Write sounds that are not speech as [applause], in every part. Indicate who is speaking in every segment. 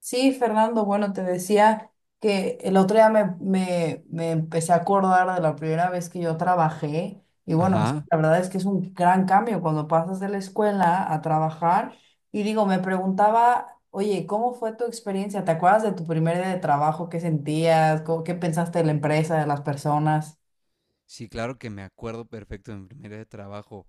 Speaker 1: Sí, Fernando, bueno, te decía que el otro día me empecé a acordar de la primera vez que yo trabajé y bueno,
Speaker 2: Ajá.
Speaker 1: la verdad es que es un gran cambio cuando pasas de la escuela a trabajar y digo, me preguntaba, oye, ¿cómo fue tu experiencia? ¿Te acuerdas de tu primer día de trabajo? ¿Qué sentías? ¿Qué pensaste de la empresa, de las personas?
Speaker 2: Sí, claro que me acuerdo perfecto de mi primer día de trabajo.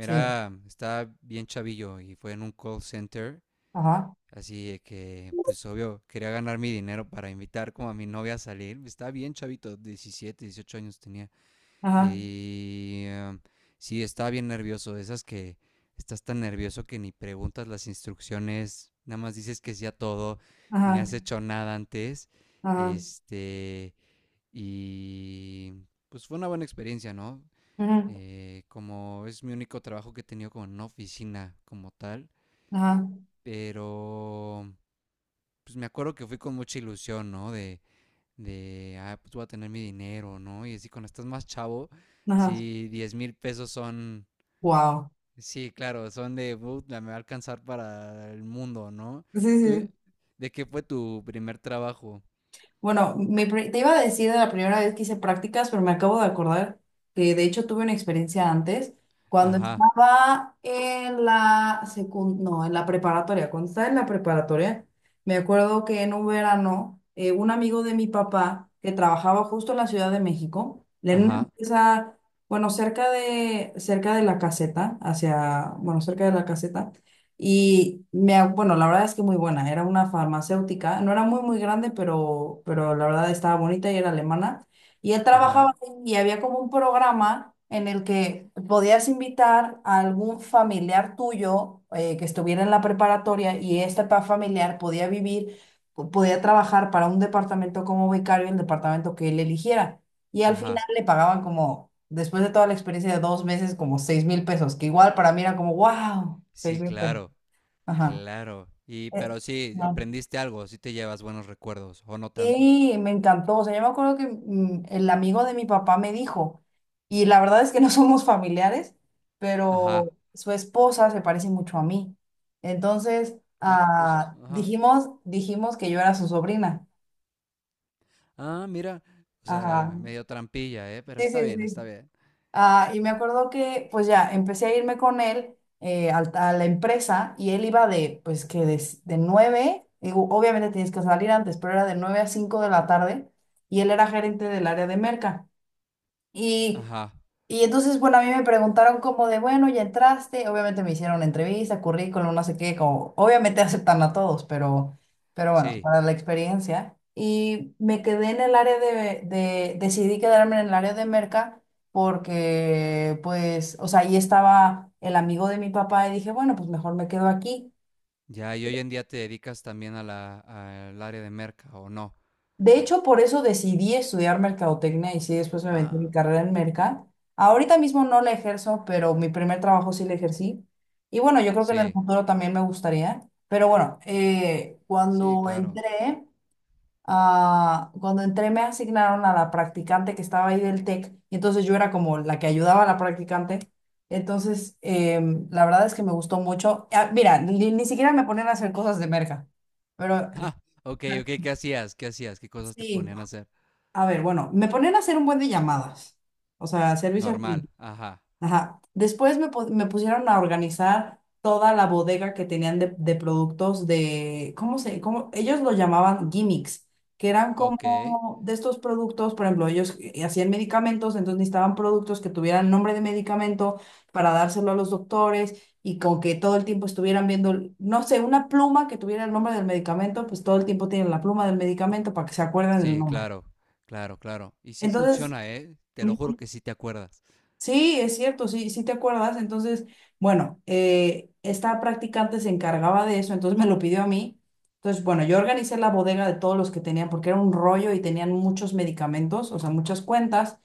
Speaker 1: Sí,
Speaker 2: estaba bien chavillo y fue en un call center,
Speaker 1: ajá,
Speaker 2: así de que, pues obvio, quería ganar mi dinero para invitar como a mi novia a salir. Estaba bien chavito, 17, 18 años tenía.
Speaker 1: ajá,
Speaker 2: Y sí, estaba bien nervioso, de esas que estás tan nervioso que ni preguntas las instrucciones, nada más dices que sí a todo, ni
Speaker 1: ajá,
Speaker 2: has hecho nada antes.
Speaker 1: ajá,
Speaker 2: Este, Y pues fue una buena experiencia, ¿no?
Speaker 1: ajá,
Speaker 2: Como es mi único trabajo que he tenido como en una oficina como tal,
Speaker 1: ajá,
Speaker 2: pero pues me acuerdo que fui con mucha ilusión, ¿no? Ah, pues voy a tener mi dinero, ¿no? Y así cuando estás más chavo,
Speaker 1: ajá,
Speaker 2: así 10,000 pesos son,
Speaker 1: wow.
Speaker 2: sí, claro, son de, puta, me va a alcanzar para el mundo, ¿no?
Speaker 1: Sí, sí,
Speaker 2: ¿Tú,
Speaker 1: sí.
Speaker 2: de qué fue tu primer trabajo?
Speaker 1: Bueno, te iba a decir de la primera vez que hice prácticas, pero me acabo de acordar que de hecho tuve una experiencia antes, cuando
Speaker 2: Ajá,
Speaker 1: estaba en la secund no, en la preparatoria, cuando estaba en la preparatoria, me acuerdo que en un verano, un amigo de mi papá que trabajaba justo en la Ciudad de México, en una
Speaker 2: ajá,
Speaker 1: empresa, bueno, cerca de la caseta, hacia, bueno, cerca de la caseta, y bueno, la verdad es que muy buena. Era una farmacéutica, no era muy, muy grande, pero la verdad estaba bonita y era alemana. Y él
Speaker 2: ajá,
Speaker 1: trabajaba ahí y había como un programa en el que podías invitar a algún familiar tuyo que estuviera en la preparatoria y este familiar podía vivir, podía trabajar para un departamento como vicario en el departamento que él eligiera. Y al final
Speaker 2: ajá,
Speaker 1: le pagaban como, después de toda la experiencia de 2 meses, como 6,000 pesos, que igual para mí era como, wow, seis
Speaker 2: sí,
Speaker 1: mil pesos.
Speaker 2: claro.
Speaker 1: Ajá.
Speaker 2: Claro. Y,
Speaker 1: Eh,
Speaker 2: pero sí,
Speaker 1: ajá.
Speaker 2: aprendiste algo, sí te llevas buenos recuerdos, o no tanto.
Speaker 1: Y me encantó. O sea, yo me acuerdo que el amigo de mi papá me dijo, y la verdad es que no [laughs] somos familiares, pero
Speaker 2: Ajá.
Speaker 1: su esposa se parece mucho a mí. Entonces,
Speaker 2: Ah, qué cosa.
Speaker 1: ah,
Speaker 2: Ajá.
Speaker 1: dijimos que yo era su sobrina.
Speaker 2: Ah, mira. O
Speaker 1: Ajá.
Speaker 2: sea, medio trampilla, ¿eh? Pero
Speaker 1: Sí,
Speaker 2: está
Speaker 1: sí,
Speaker 2: bien, está
Speaker 1: sí.
Speaker 2: bien.
Speaker 1: Ah, y me acuerdo que, pues ya, empecé a irme con él la empresa y él iba de, pues que de, s- de 9, digo, obviamente tienes que salir antes, pero era de 9 a 5 de la tarde y él era gerente del área de merca. Y
Speaker 2: Ajá.
Speaker 1: y entonces, bueno, a mí me preguntaron como de, bueno, ya entraste, obviamente me hicieron una entrevista, currículum, no sé qué, como, obviamente [laughs] aceptan a todos, pero bueno,
Speaker 2: Sí.
Speaker 1: para la experiencia. Y me quedé en el área decidí quedarme en el área de merca porque, pues, o sea, ahí estaba el amigo de mi papá y dije, bueno, pues mejor me quedo aquí.
Speaker 2: Ya, y hoy en día te dedicas también a la, al área de merca, ¿o no?
Speaker 1: De hecho, por eso decidí estudiar mercadotecnia y sí, después me metí en mi
Speaker 2: Ah,
Speaker 1: carrera en merca. Ahorita mismo no la ejerzo, pero mi primer trabajo sí la ejercí. Y bueno, yo creo que en el
Speaker 2: sí.
Speaker 1: futuro también me gustaría. Pero bueno,
Speaker 2: Sí, claro.
Speaker 1: cuando entré me asignaron a la practicante que estaba ahí del TEC. Y entonces yo era como la que ayudaba a la practicante. Entonces, la verdad es que me gustó mucho. Ah, mira, ni siquiera me ponían a hacer cosas de merca. Pero
Speaker 2: [laughs] Ah, ok,
Speaker 1: pero
Speaker 2: ok. ¿Qué hacías? ¿Qué hacías? ¿Qué cosas te
Speaker 1: sí.
Speaker 2: ponían a hacer?
Speaker 1: A ver, bueno, me ponían a hacer un buen de llamadas, o sea, servicio al
Speaker 2: Normal.
Speaker 1: cliente.
Speaker 2: Ajá.
Speaker 1: Ajá. Después me pusieron a organizar toda la bodega que tenían de productos de, ¿cómo se, cómo, ellos lo llamaban gimmicks, que eran
Speaker 2: Ok.
Speaker 1: como de estos productos, por ejemplo, ellos hacían medicamentos, entonces necesitaban productos que tuvieran nombre de medicamento para dárselo a los doctores y con que todo el tiempo estuvieran viendo, no sé, una pluma que tuviera el nombre del medicamento, pues todo el tiempo tienen la pluma del medicamento para que se acuerden del
Speaker 2: Sí,
Speaker 1: nombre.
Speaker 2: claro. Claro, claro. Y sí
Speaker 1: Entonces,
Speaker 2: funciona, ¿eh? Te lo juro
Speaker 1: Ujú.
Speaker 2: que sí te acuerdas.
Speaker 1: Sí, es cierto, sí, sí te acuerdas. Entonces, bueno, esta practicante se encargaba de eso, entonces me lo pidió a mí. Entonces, bueno, yo organicé la bodega de todos los que tenían, porque era un rollo y tenían muchos medicamentos, o sea, muchas cuentas.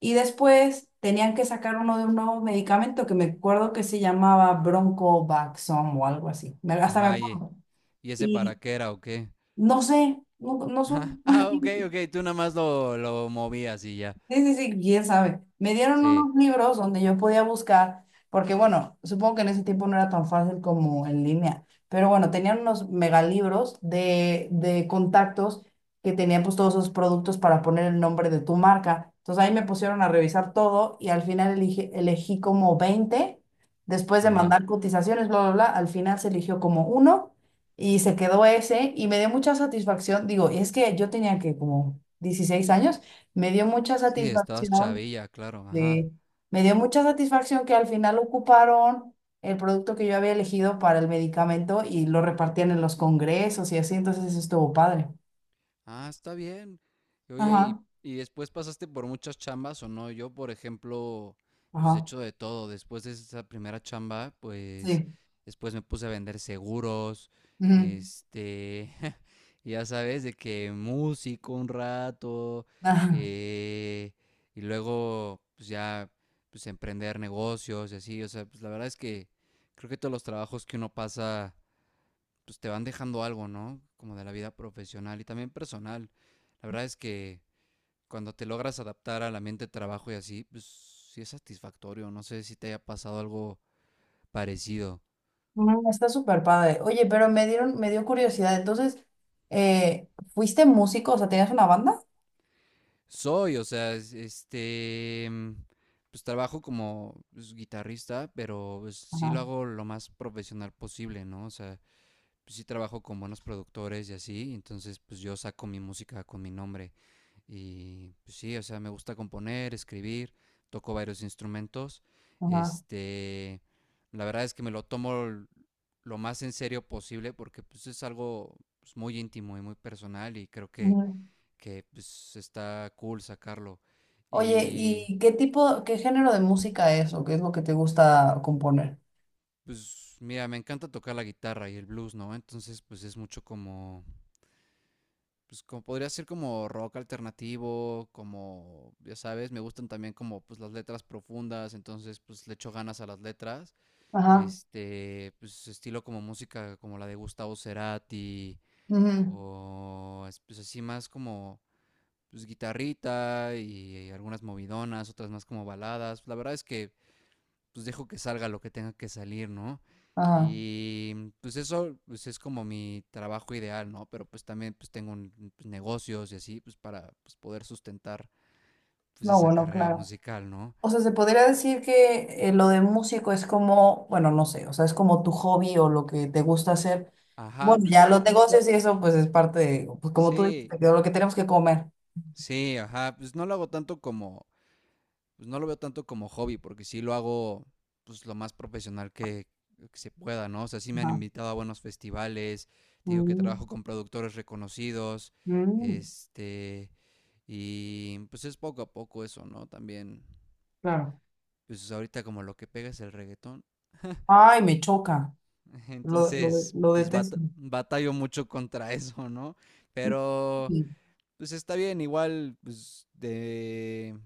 Speaker 1: Y después tenían que sacar uno de un nuevo medicamento que me acuerdo que se llamaba Bronco Baxom o algo así. Hasta me
Speaker 2: Ajá,
Speaker 1: acuerdo.
Speaker 2: y ese para
Speaker 1: Y
Speaker 2: qué era o qué? [laughs]
Speaker 1: no sé, no, no soy.
Speaker 2: Ajá, ah, ok,
Speaker 1: [laughs]
Speaker 2: ok, tú nada más lo movías y ya.
Speaker 1: Sí, sí, sí, quién sabe. Me dieron
Speaker 2: Sí,
Speaker 1: unos libros donde yo podía buscar, porque bueno, supongo que en ese tiempo no era tan fácil como en línea, pero bueno, tenían unos megalibros de contactos que tenían pues todos esos productos para poner el nombre de tu marca. Entonces ahí me pusieron a revisar todo y al final elegí como 20 después de
Speaker 2: ajá.
Speaker 1: mandar cotizaciones, bla, bla, bla, al final se eligió como uno y se quedó ese y me dio mucha satisfacción. Digo, es que yo tenía que como 16 años. Me dio mucha
Speaker 2: Sí, estabas
Speaker 1: satisfacción,
Speaker 2: chavilla, claro, ajá.
Speaker 1: sí. Me dio mucha satisfacción que al final ocuparon el producto que yo había elegido para el medicamento y lo repartían en los congresos y así, entonces eso estuvo padre.
Speaker 2: Ah, está bien. Y oye,
Speaker 1: Ajá,
Speaker 2: y después pasaste por muchas chambas o no? Yo, por ejemplo, pues he
Speaker 1: ajá,
Speaker 2: hecho de todo. Después de esa primera chamba, pues
Speaker 1: sí.
Speaker 2: después me puse a vender seguros,
Speaker 1: Ujú,
Speaker 2: este, [laughs] ya sabes, de que músico un rato,
Speaker 1: ajá.
Speaker 2: eh, y luego, pues ya, pues emprender negocios y así. O sea, pues la verdad es que creo que todos los trabajos que uno pasa pues te van dejando algo, ¿no? Como de la vida profesional y también personal. La verdad es que cuando te logras adaptar al ambiente de trabajo y así, pues sí es satisfactorio. No sé si te haya pasado algo parecido.
Speaker 1: Está súper padre. Oye, pero me dieron, me dio curiosidad. Entonces, eh, ¿fuiste músico? O sea, ¿tenías una banda?
Speaker 2: Soy, o sea, este, mm, pues trabajo como pues, guitarrista, pero pues, sí lo
Speaker 1: Ajá,
Speaker 2: hago lo más profesional posible, ¿no? O sea, pues, sí trabajo con buenos productores y así, entonces pues yo saco mi música con mi nombre. Y pues sí, o sea, me gusta componer, escribir, toco varios instrumentos.
Speaker 1: ajá.
Speaker 2: Este, la verdad es que me lo tomo lo más en serio posible porque pues es algo pues, muy íntimo y muy personal y creo
Speaker 1: Ujú.
Speaker 2: que pues está cool sacarlo.
Speaker 1: Oye,
Speaker 2: Y
Speaker 1: ¿y qué tipo, qué género de música es o qué es lo que te gusta componer?
Speaker 2: pues mira, me encanta tocar la guitarra y el blues, ¿no? Entonces pues es mucho como pues como podría ser como rock alternativo, como, ya sabes, me gustan también como pues las letras profundas, entonces pues le echo ganas a las letras,
Speaker 1: Ajá.
Speaker 2: este, pues estilo como música como la de Gustavo Cerati,
Speaker 1: Ujú.
Speaker 2: o pues así más como pues guitarrita y algunas movidonas, otras más como baladas, la verdad es que pues dejo que salga lo que tenga que salir, ¿no?
Speaker 1: Ah,
Speaker 2: Y mm, pues eso pues es como mi trabajo ideal, ¿no? Pero pues también pues tengo pues, negocios y así, pues para pues, poder sustentar pues
Speaker 1: no,
Speaker 2: esa
Speaker 1: bueno,
Speaker 2: carrera
Speaker 1: claro.
Speaker 2: musical, ¿no?
Speaker 1: O sea, se podría decir que lo de músico es como, bueno, no sé, o sea, es como tu hobby o lo que te gusta hacer.
Speaker 2: Ajá,
Speaker 1: Bueno,
Speaker 2: pues
Speaker 1: ya
Speaker 2: no,
Speaker 1: los negocios y eso, pues es parte de, pues como tú dices,
Speaker 2: sí,
Speaker 1: de lo que tenemos que comer.
Speaker 2: sí, ajá, pues no lo hago tanto como pues no lo veo tanto como hobby, porque sí lo hago pues lo más profesional que se pueda, ¿no? O sea, sí me han
Speaker 1: Ajá.
Speaker 2: invitado a buenos festivales, te digo que
Speaker 1: Mm,
Speaker 2: trabajo con productores reconocidos,
Speaker 1: mm,
Speaker 2: este, y pues es poco a poco eso, ¿no? También,
Speaker 1: claro.
Speaker 2: pues ahorita como lo que pega es el reggaetón,
Speaker 1: Ay, me choca.
Speaker 2: [laughs]
Speaker 1: Lo, lo, de-
Speaker 2: entonces,
Speaker 1: lo
Speaker 2: pues
Speaker 1: detesto.
Speaker 2: batallo mucho contra eso, ¿no? Pero
Speaker 1: Sí,
Speaker 2: pues está bien, igual,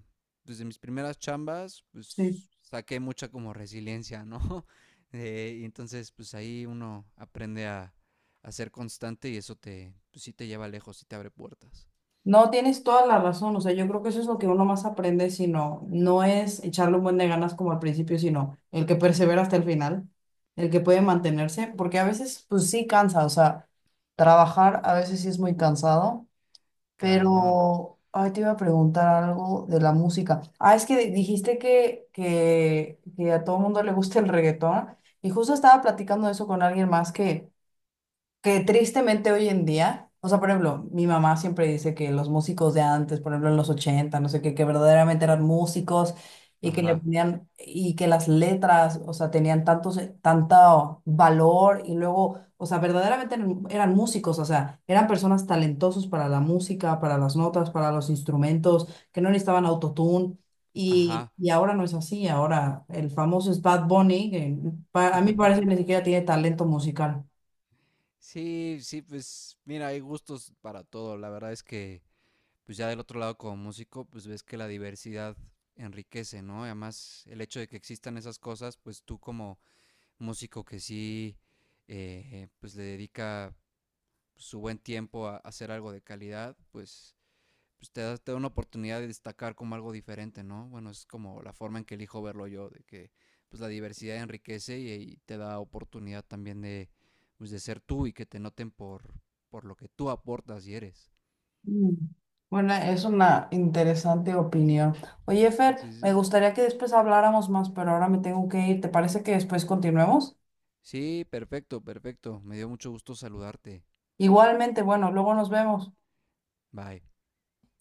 Speaker 2: pues, de mis primeras chambas,
Speaker 1: sí.
Speaker 2: pues saqué mucha como resiliencia, ¿no? [laughs] Y entonces, pues ahí uno aprende a ser constante y eso te, pues, sí te lleva lejos sí te abre puertas.
Speaker 1: No, tienes toda la razón, o sea, yo creo que eso es lo que uno más aprende, sino no es echarle un buen de ganas como al principio, sino el que persevera hasta el final, el que puede mantenerse, porque a veces pues sí cansa, o sea, trabajar a veces sí es muy cansado,
Speaker 2: Cañón.
Speaker 1: pero ay, te iba a preguntar algo de la música. Ah, es que dijiste que, a todo mundo le gusta el reggaetón y justo estaba platicando de eso con alguien más que tristemente hoy en día, o sea, por ejemplo, mi mamá siempre dice que los músicos de antes, por ejemplo, en los 80, no sé qué, que verdaderamente eran músicos y que le
Speaker 2: Ajá,
Speaker 1: ponían, y que las letras, o sea, tenían tanto, tanto valor y luego, o sea, verdaderamente eran músicos, o sea, eran personas talentosos para la música, para las notas, para los instrumentos, que no necesitaban autotune. Y,
Speaker 2: ajá.
Speaker 1: y ahora no es así, ahora el famoso es Bad Bunny, que a mí parece que ni
Speaker 2: [laughs]
Speaker 1: siquiera tiene talento musical.
Speaker 2: Sí, sí, pues mira, hay gustos para todo. La verdad es que, pues ya del otro lado como músico, pues ves que la diversidad enriquece, ¿no? Y además, el hecho de que existan esas cosas, pues tú como músico que sí, pues le dedica su buen tiempo a hacer algo de calidad, pues, pues te da una oportunidad de destacar como algo diferente, ¿no? Bueno, es como la forma en que elijo verlo yo, de que pues la diversidad enriquece y te da oportunidad también de, pues, de ser tú y que te noten por lo que tú aportas y eres.
Speaker 1: Mm. Bueno, es una interesante opinión. Oye, Fer,
Speaker 2: Sí, sí,
Speaker 1: me
Speaker 2: sí.
Speaker 1: gustaría que después habláramos más, pero ahora me tengo que ir. ¿Te parece que después continuemos?
Speaker 2: Sí, perfecto, perfecto. Me dio mucho gusto saludarte.
Speaker 1: Igualmente, bueno, luego nos vemos.
Speaker 2: Bye.